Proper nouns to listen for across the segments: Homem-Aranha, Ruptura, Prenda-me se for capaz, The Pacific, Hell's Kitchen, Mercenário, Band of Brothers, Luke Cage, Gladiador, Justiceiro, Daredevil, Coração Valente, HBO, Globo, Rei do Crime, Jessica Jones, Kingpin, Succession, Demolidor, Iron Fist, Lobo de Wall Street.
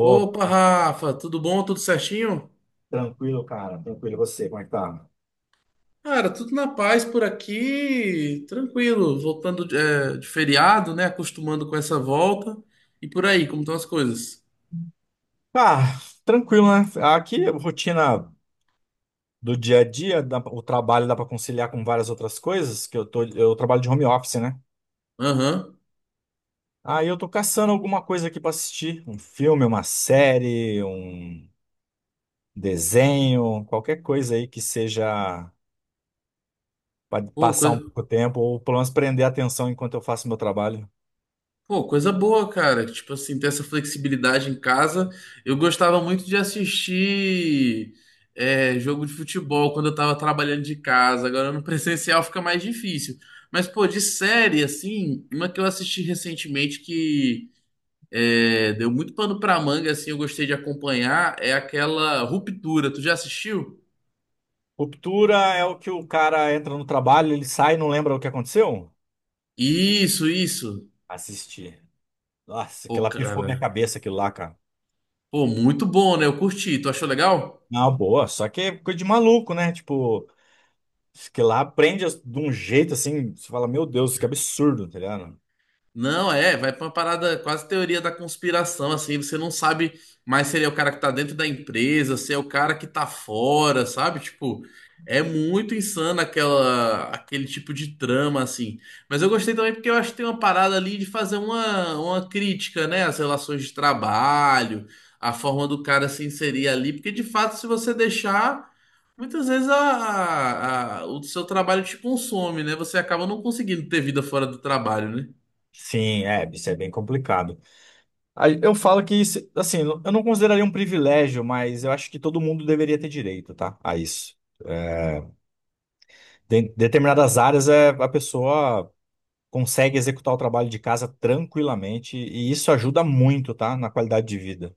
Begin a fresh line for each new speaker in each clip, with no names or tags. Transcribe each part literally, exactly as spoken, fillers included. Opa, Rafa, tudo bom? Tudo certinho?
tranquilo, cara. Tranquilo. E você, como é que tá?
Cara, tudo na paz por aqui, tranquilo, voltando de, é, de feriado, né? Acostumando com essa volta. E por aí, como estão as coisas?
Ah, tranquilo, né? Aqui, rotina do dia a dia, dá pra- o trabalho dá para conciliar com várias outras coisas, que eu tô, eu trabalho de home office, né?
Aham.
Aí eu tô caçando alguma coisa aqui para assistir, um filme, uma série, um desenho, qualquer coisa aí que seja para
Pô,
passar um
coisa,
pouco de tempo ou pelo menos prender a atenção enquanto eu faço meu trabalho.
pô, coisa boa, cara. Tipo assim, ter essa flexibilidade em casa. Eu gostava muito de assistir é, jogo de futebol quando eu tava trabalhando de casa. Agora no presencial fica mais difícil. Mas, pô, de série, assim, uma que eu assisti recentemente que. é, deu muito pano pra manga, assim, eu gostei de acompanhar, é aquela Ruptura. Tu já assistiu?
Ruptura é o que o cara entra no trabalho, ele sai e não lembra o que aconteceu?
Isso, isso.
Assistir. Nossa, aquilo
Pô,
lá pifou minha
cara.
cabeça, aquilo lá, cara.
Pô, muito bom, né? Eu curti. Tu achou legal?
Não, boa, só que é coisa de maluco, né? Tipo, isso que lá aprende as- de um jeito assim, você fala, meu Deus, que absurdo, tá ligado?
Não, é, vai pra uma parada quase teoria da conspiração, assim, você não sabe mais se ele é o cara que tá dentro da empresa, se é o cara que tá fora, sabe? Tipo, é muito insano aquela, aquele tipo de trama, assim. Mas eu gostei também porque eu acho que tem uma parada ali de fazer uma, uma crítica, né, às relações de trabalho, a forma do cara se inserir ali, porque de fato, se você deixar, muitas vezes a, a- a- o seu trabalho te consome, né? Você acaba não conseguindo ter vida fora do trabalho, né?
Sim, é, isso é bem complicado. Aí eu falo que, isso, assim, eu não consideraria um privilégio, mas eu acho que todo mundo deveria ter direito, tá? A isso. Em determinadas áreas, é, a pessoa consegue executar o trabalho de casa tranquilamente, e isso ajuda muito, tá? Na qualidade de vida.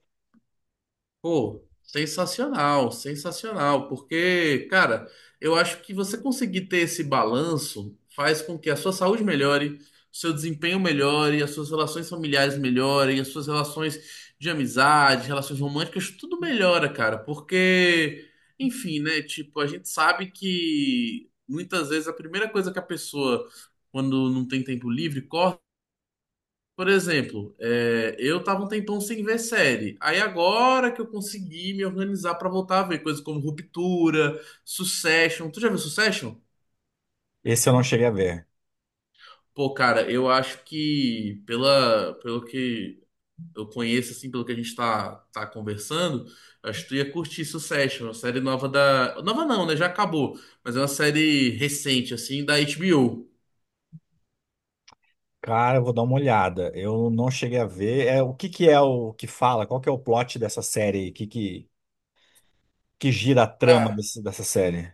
Pô, sensacional, sensacional, porque, cara, eu acho que você conseguir ter esse balanço faz com que a sua saúde melhore, o seu desempenho melhore, as suas relações familiares melhorem, as suas relações de amizade, relações românticas, tudo melhora, cara, porque, enfim, né, tipo, a gente sabe que muitas vezes a primeira coisa que a pessoa, quando não tem tempo livre, por exemplo, é, eu tava um tempão sem ver série. Aí agora que eu consegui me organizar pra voltar a ver coisas como Ruptura, Succession. Tu já viu Succession?
Esse eu não cheguei a ver.
Pô, cara, eu acho que pela, pelo que eu conheço, assim, pelo que a gente tá, tá conversando, eu acho que tu ia curtir Succession, uma série nova da. Nova não, né? Já acabou. Mas é uma série recente, assim, da H B O.
Cara, eu vou dar uma olhada. Eu não cheguei a ver. É, o que que é o que fala? Qual que é o plot dessa série? O que que, que gira a trama desse- dessa série?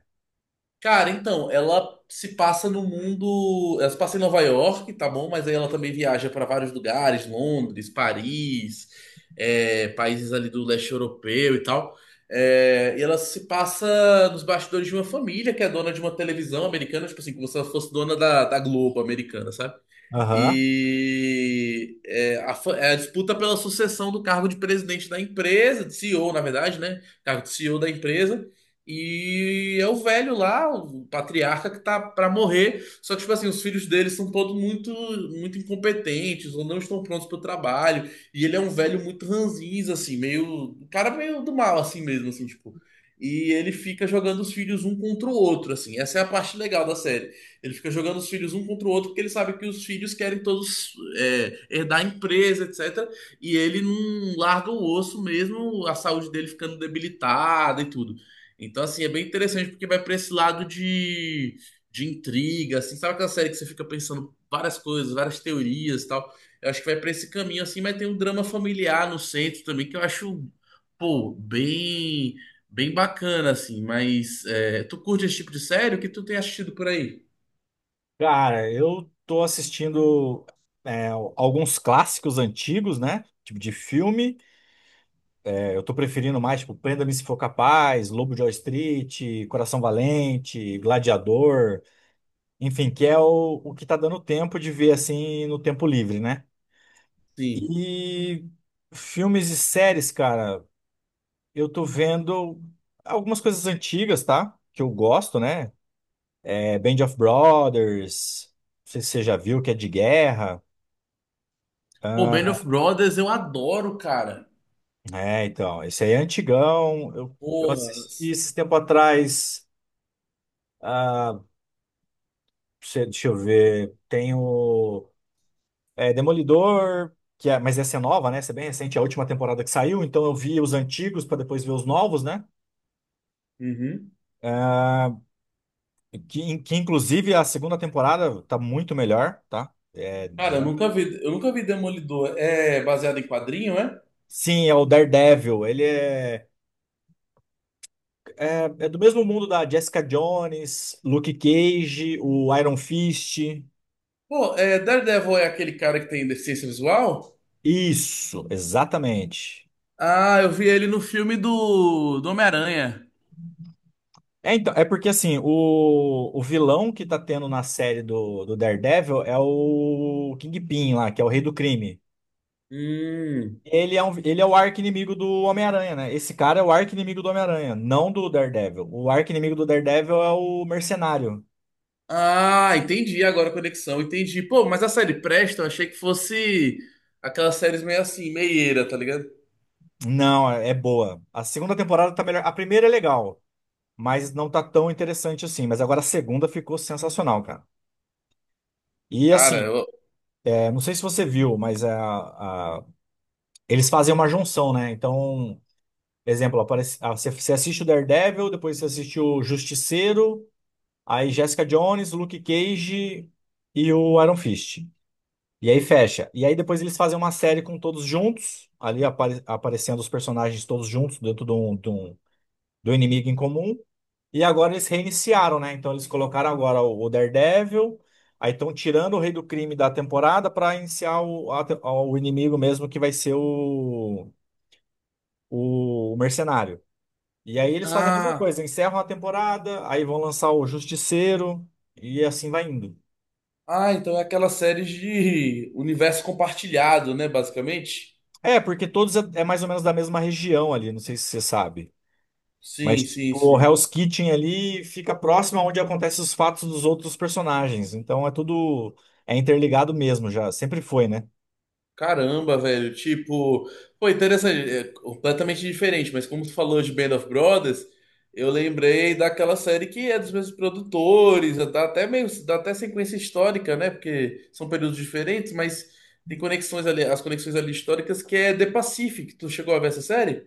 Cara, então, ela se passa no mundo. Ela se passa em Nova York, tá bom? Mas aí ela também viaja para vários lugares, Londres, Paris, é, países ali do leste europeu e tal. É, e ela se passa nos bastidores de uma família que é dona de uma televisão americana, tipo assim, como se ela fosse dona da, da Globo americana, sabe?
Aham.
E é, a, fa- é a disputa pela sucessão do cargo de presidente da empresa, de C E O, na verdade, né? Cargo de C E O da empresa. E é o velho lá, o patriarca, que tá pra morrer. Só que, tipo assim, os filhos dele são todos muito, muito incompetentes ou não estão prontos pro trabalho. E ele é um velho muito ranzinza, assim, meio. Um cara meio do mal, assim mesmo, assim, tipo. E ele fica jogando os filhos um contra o outro, assim. Essa é a parte legal da série. Ele fica jogando os filhos um contra o outro porque ele sabe que os filhos querem todos é, herdar a empresa, etcétera. E ele não larga o osso mesmo, a saúde dele ficando debilitada e tudo. Então, assim, é bem interessante porque vai para esse lado de, de intriga, assim, sabe aquela série que você fica pensando várias coisas, várias teorias e tal? Eu acho que vai para esse caminho, assim, mas tem um drama familiar no centro também que eu acho, pô, bem, bem bacana, assim. Mas é, tu curte esse tipo de série? O que tu tem assistido por aí?
Cara, eu tô assistindo é, alguns clássicos antigos, né? Tipo de filme. É, eu tô preferindo mais, tipo, Prenda-me Se For Capaz, Lobo de Wall Street, Coração Valente, Gladiador. Enfim, que é o, o que tá dando tempo de ver, assim, no tempo livre, né?
Sim.
E filmes e séries, cara. Eu tô vendo algumas coisas antigas, tá? Que eu gosto, né? É Band of Brothers, não sei se você já viu, que é de guerra.
Pô, Band
Ah,
of Brothers eu adoro, cara.
é, então, esse aí é antigão. Eu, eu
Porra.
assisti esse tempo atrás. Ah, deixa deixa eu ver. Tem o é, Demolidor, que é, mas essa é nova, né? Essa é bem recente, é a última temporada que saiu. Então eu vi os antigos para depois ver os novos, né?
Uhum.
Ah, que, que inclusive a segunda temporada tá muito melhor, tá?
Cara, eu nunca vi, eu nunca vi Demolidor. É baseado em quadrinho, é?
Sim, é o Daredevil. Ele é, é do mesmo mundo da Jessica Jones, Luke Cage, o Iron Fist.
Pô, é, Daredevil é aquele cara que tem deficiência visual?
Isso, exatamente.
Ah, eu vi ele no filme do, do Homem-Aranha.
É, então, é porque assim, o, o vilão que tá tendo na série do, do Daredevil é o Kingpin lá, que é o rei do crime.
Hum.
Ele é, um, ele é o arqui-inimigo do Homem-Aranha, né? Esse cara é o arqui-inimigo do Homem-Aranha, não do Daredevil. O arqui-inimigo do Daredevil é o Mercenário.
Ah, entendi agora a conexão, entendi. Pô, mas a série presta, eu achei que fosse aquelas séries meio assim, meieira, tá ligado?
Não, é é boa. A segunda temporada tá melhor. A primeira é legal, mas não tá tão interessante assim. Mas agora a segunda ficou sensacional, cara. E
Cara,
assim,
eu...
é, não sei se você viu, mas é, a- eles fazem uma junção, né? Então, exemplo, aparece, ah, você, você assiste o Daredevil, depois você assiste o Justiceiro, aí Jessica Jones, Luke Cage e o Iron Fist. E aí fecha. E aí depois eles fazem uma série com todos juntos, ali apare- aparecendo os personagens todos juntos dentro de um, de um- do inimigo em comum. E agora eles reiniciaram, né? Então eles colocaram agora o o Daredevil, aí estão tirando o Rei do Crime da temporada para iniciar o, a te- o inimigo mesmo, que vai ser o, o, o Mercenário. E aí eles fazem a mesma
Ah.
coisa, encerram a temporada, aí vão lançar o Justiceiro, e assim vai indo.
Ah, então é aquela série de universo compartilhado, né, basicamente?
É, porque todos é, é mais ou menos da mesma região ali, não sei se você sabe. Mas
Sim, sim,
tipo, o
sim.
Hell's Kitchen ali fica próximo aonde acontecem os fatos dos outros personagens. Então é tudo. É interligado mesmo já, sempre foi, né?
Caramba, velho, tipo, pô, interessante, é completamente diferente, mas como tu falou de Band of Brothers, eu lembrei daquela série que é dos mesmos produtores, dá até meio, dá até sequência histórica, né? Porque são períodos diferentes, mas tem conexões ali, as conexões ali históricas que é The Pacific. Tu chegou a ver essa série?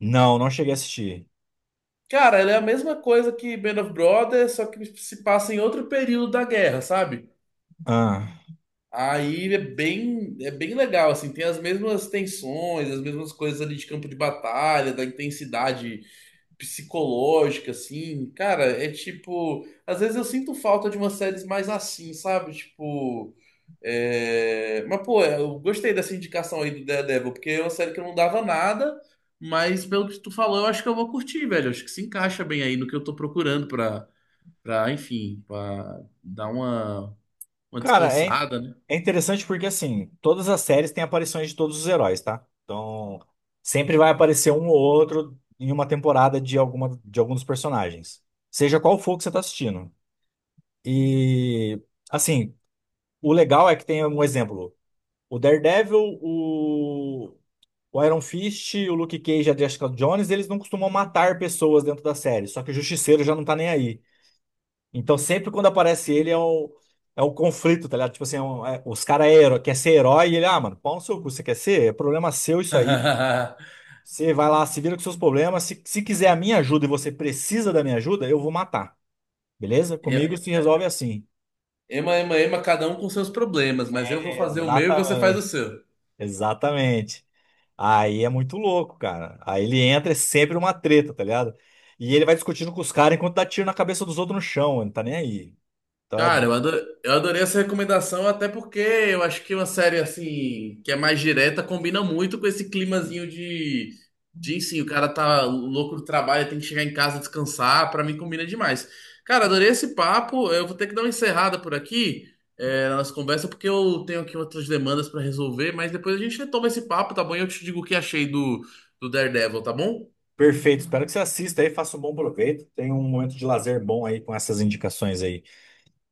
Não, não cheguei a assistir.
Cara, ele é a mesma coisa que Band of Brothers, só que se passa em outro período da guerra, sabe?
Ah.
Aí é bem, é bem legal, assim, tem as mesmas tensões, as mesmas coisas ali de campo de batalha, da intensidade psicológica, assim, cara, é tipo. Às vezes eu sinto falta de umas séries mais assim, sabe? Tipo. é, Mas, pô, é, eu gostei dessa indicação aí do Daredevil, porque é uma série que eu não dava nada, mas pelo que tu falou, eu acho que eu vou curtir, velho. Eu acho que se encaixa bem aí no que eu tô procurando pra, pra enfim, pra dar uma, uma
Cara, é,
descansada, né?
é interessante porque, assim, todas as séries têm aparições de todos os heróis, tá? Então, sempre vai aparecer um ou outro em uma temporada de alguma, de algum dos personagens. Seja qual for que você tá assistindo. E, assim, o legal é que tem um exemplo. O Daredevil, o, o Iron Fist, o Luke Cage e a Jessica Jones, eles não costumam matar pessoas dentro da série. Só que o Justiceiro já não tá nem aí. Então, sempre quando aparece ele, é um, é um conflito, tá ligado? Tipo assim, é um- é- os caras é hero- quer ser herói e ele, ah, mano, pau no seu cu, você quer ser? É problema seu isso aí. Você vai lá, se vira com seus problemas. Se, se quiser a minha ajuda e você precisa da minha ajuda, eu vou matar. Beleza? Comigo se resolve assim.
Ema, ema, ema, cada um com seus problemas, mas eu vou fazer o meu e você faz o
Exatamente,
seu.
exatamente. Aí é muito louco, cara. Aí ele entra, é sempre uma treta, tá ligado? E ele vai discutindo com os caras enquanto dá tiro na cabeça dos outros no chão, ele não tá nem aí. Então é.
Cara, eu ado- eu adorei essa recomendação, até porque eu acho que uma série assim, que é mais direta, combina muito com esse climazinho de, de sim, o cara tá louco do trabalho, tem que chegar em casa descansar, pra mim combina demais. Cara, adorei esse papo, eu vou ter que dar uma encerrada por aqui, é, na nossa conversa, porque eu tenho aqui outras demandas pra resolver, mas depois a gente retoma esse papo, tá bom? E eu te digo o que achei do, do Daredevil, tá bom?
Perfeito, espero que você assista aí, faça um bom proveito. Tenha um momento de lazer bom aí com essas indicações aí.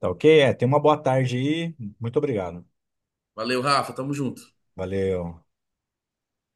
Tá ok? É, tenha uma boa tarde aí. Muito obrigado.
Valeu, Rafa, tamo junto.
Valeu.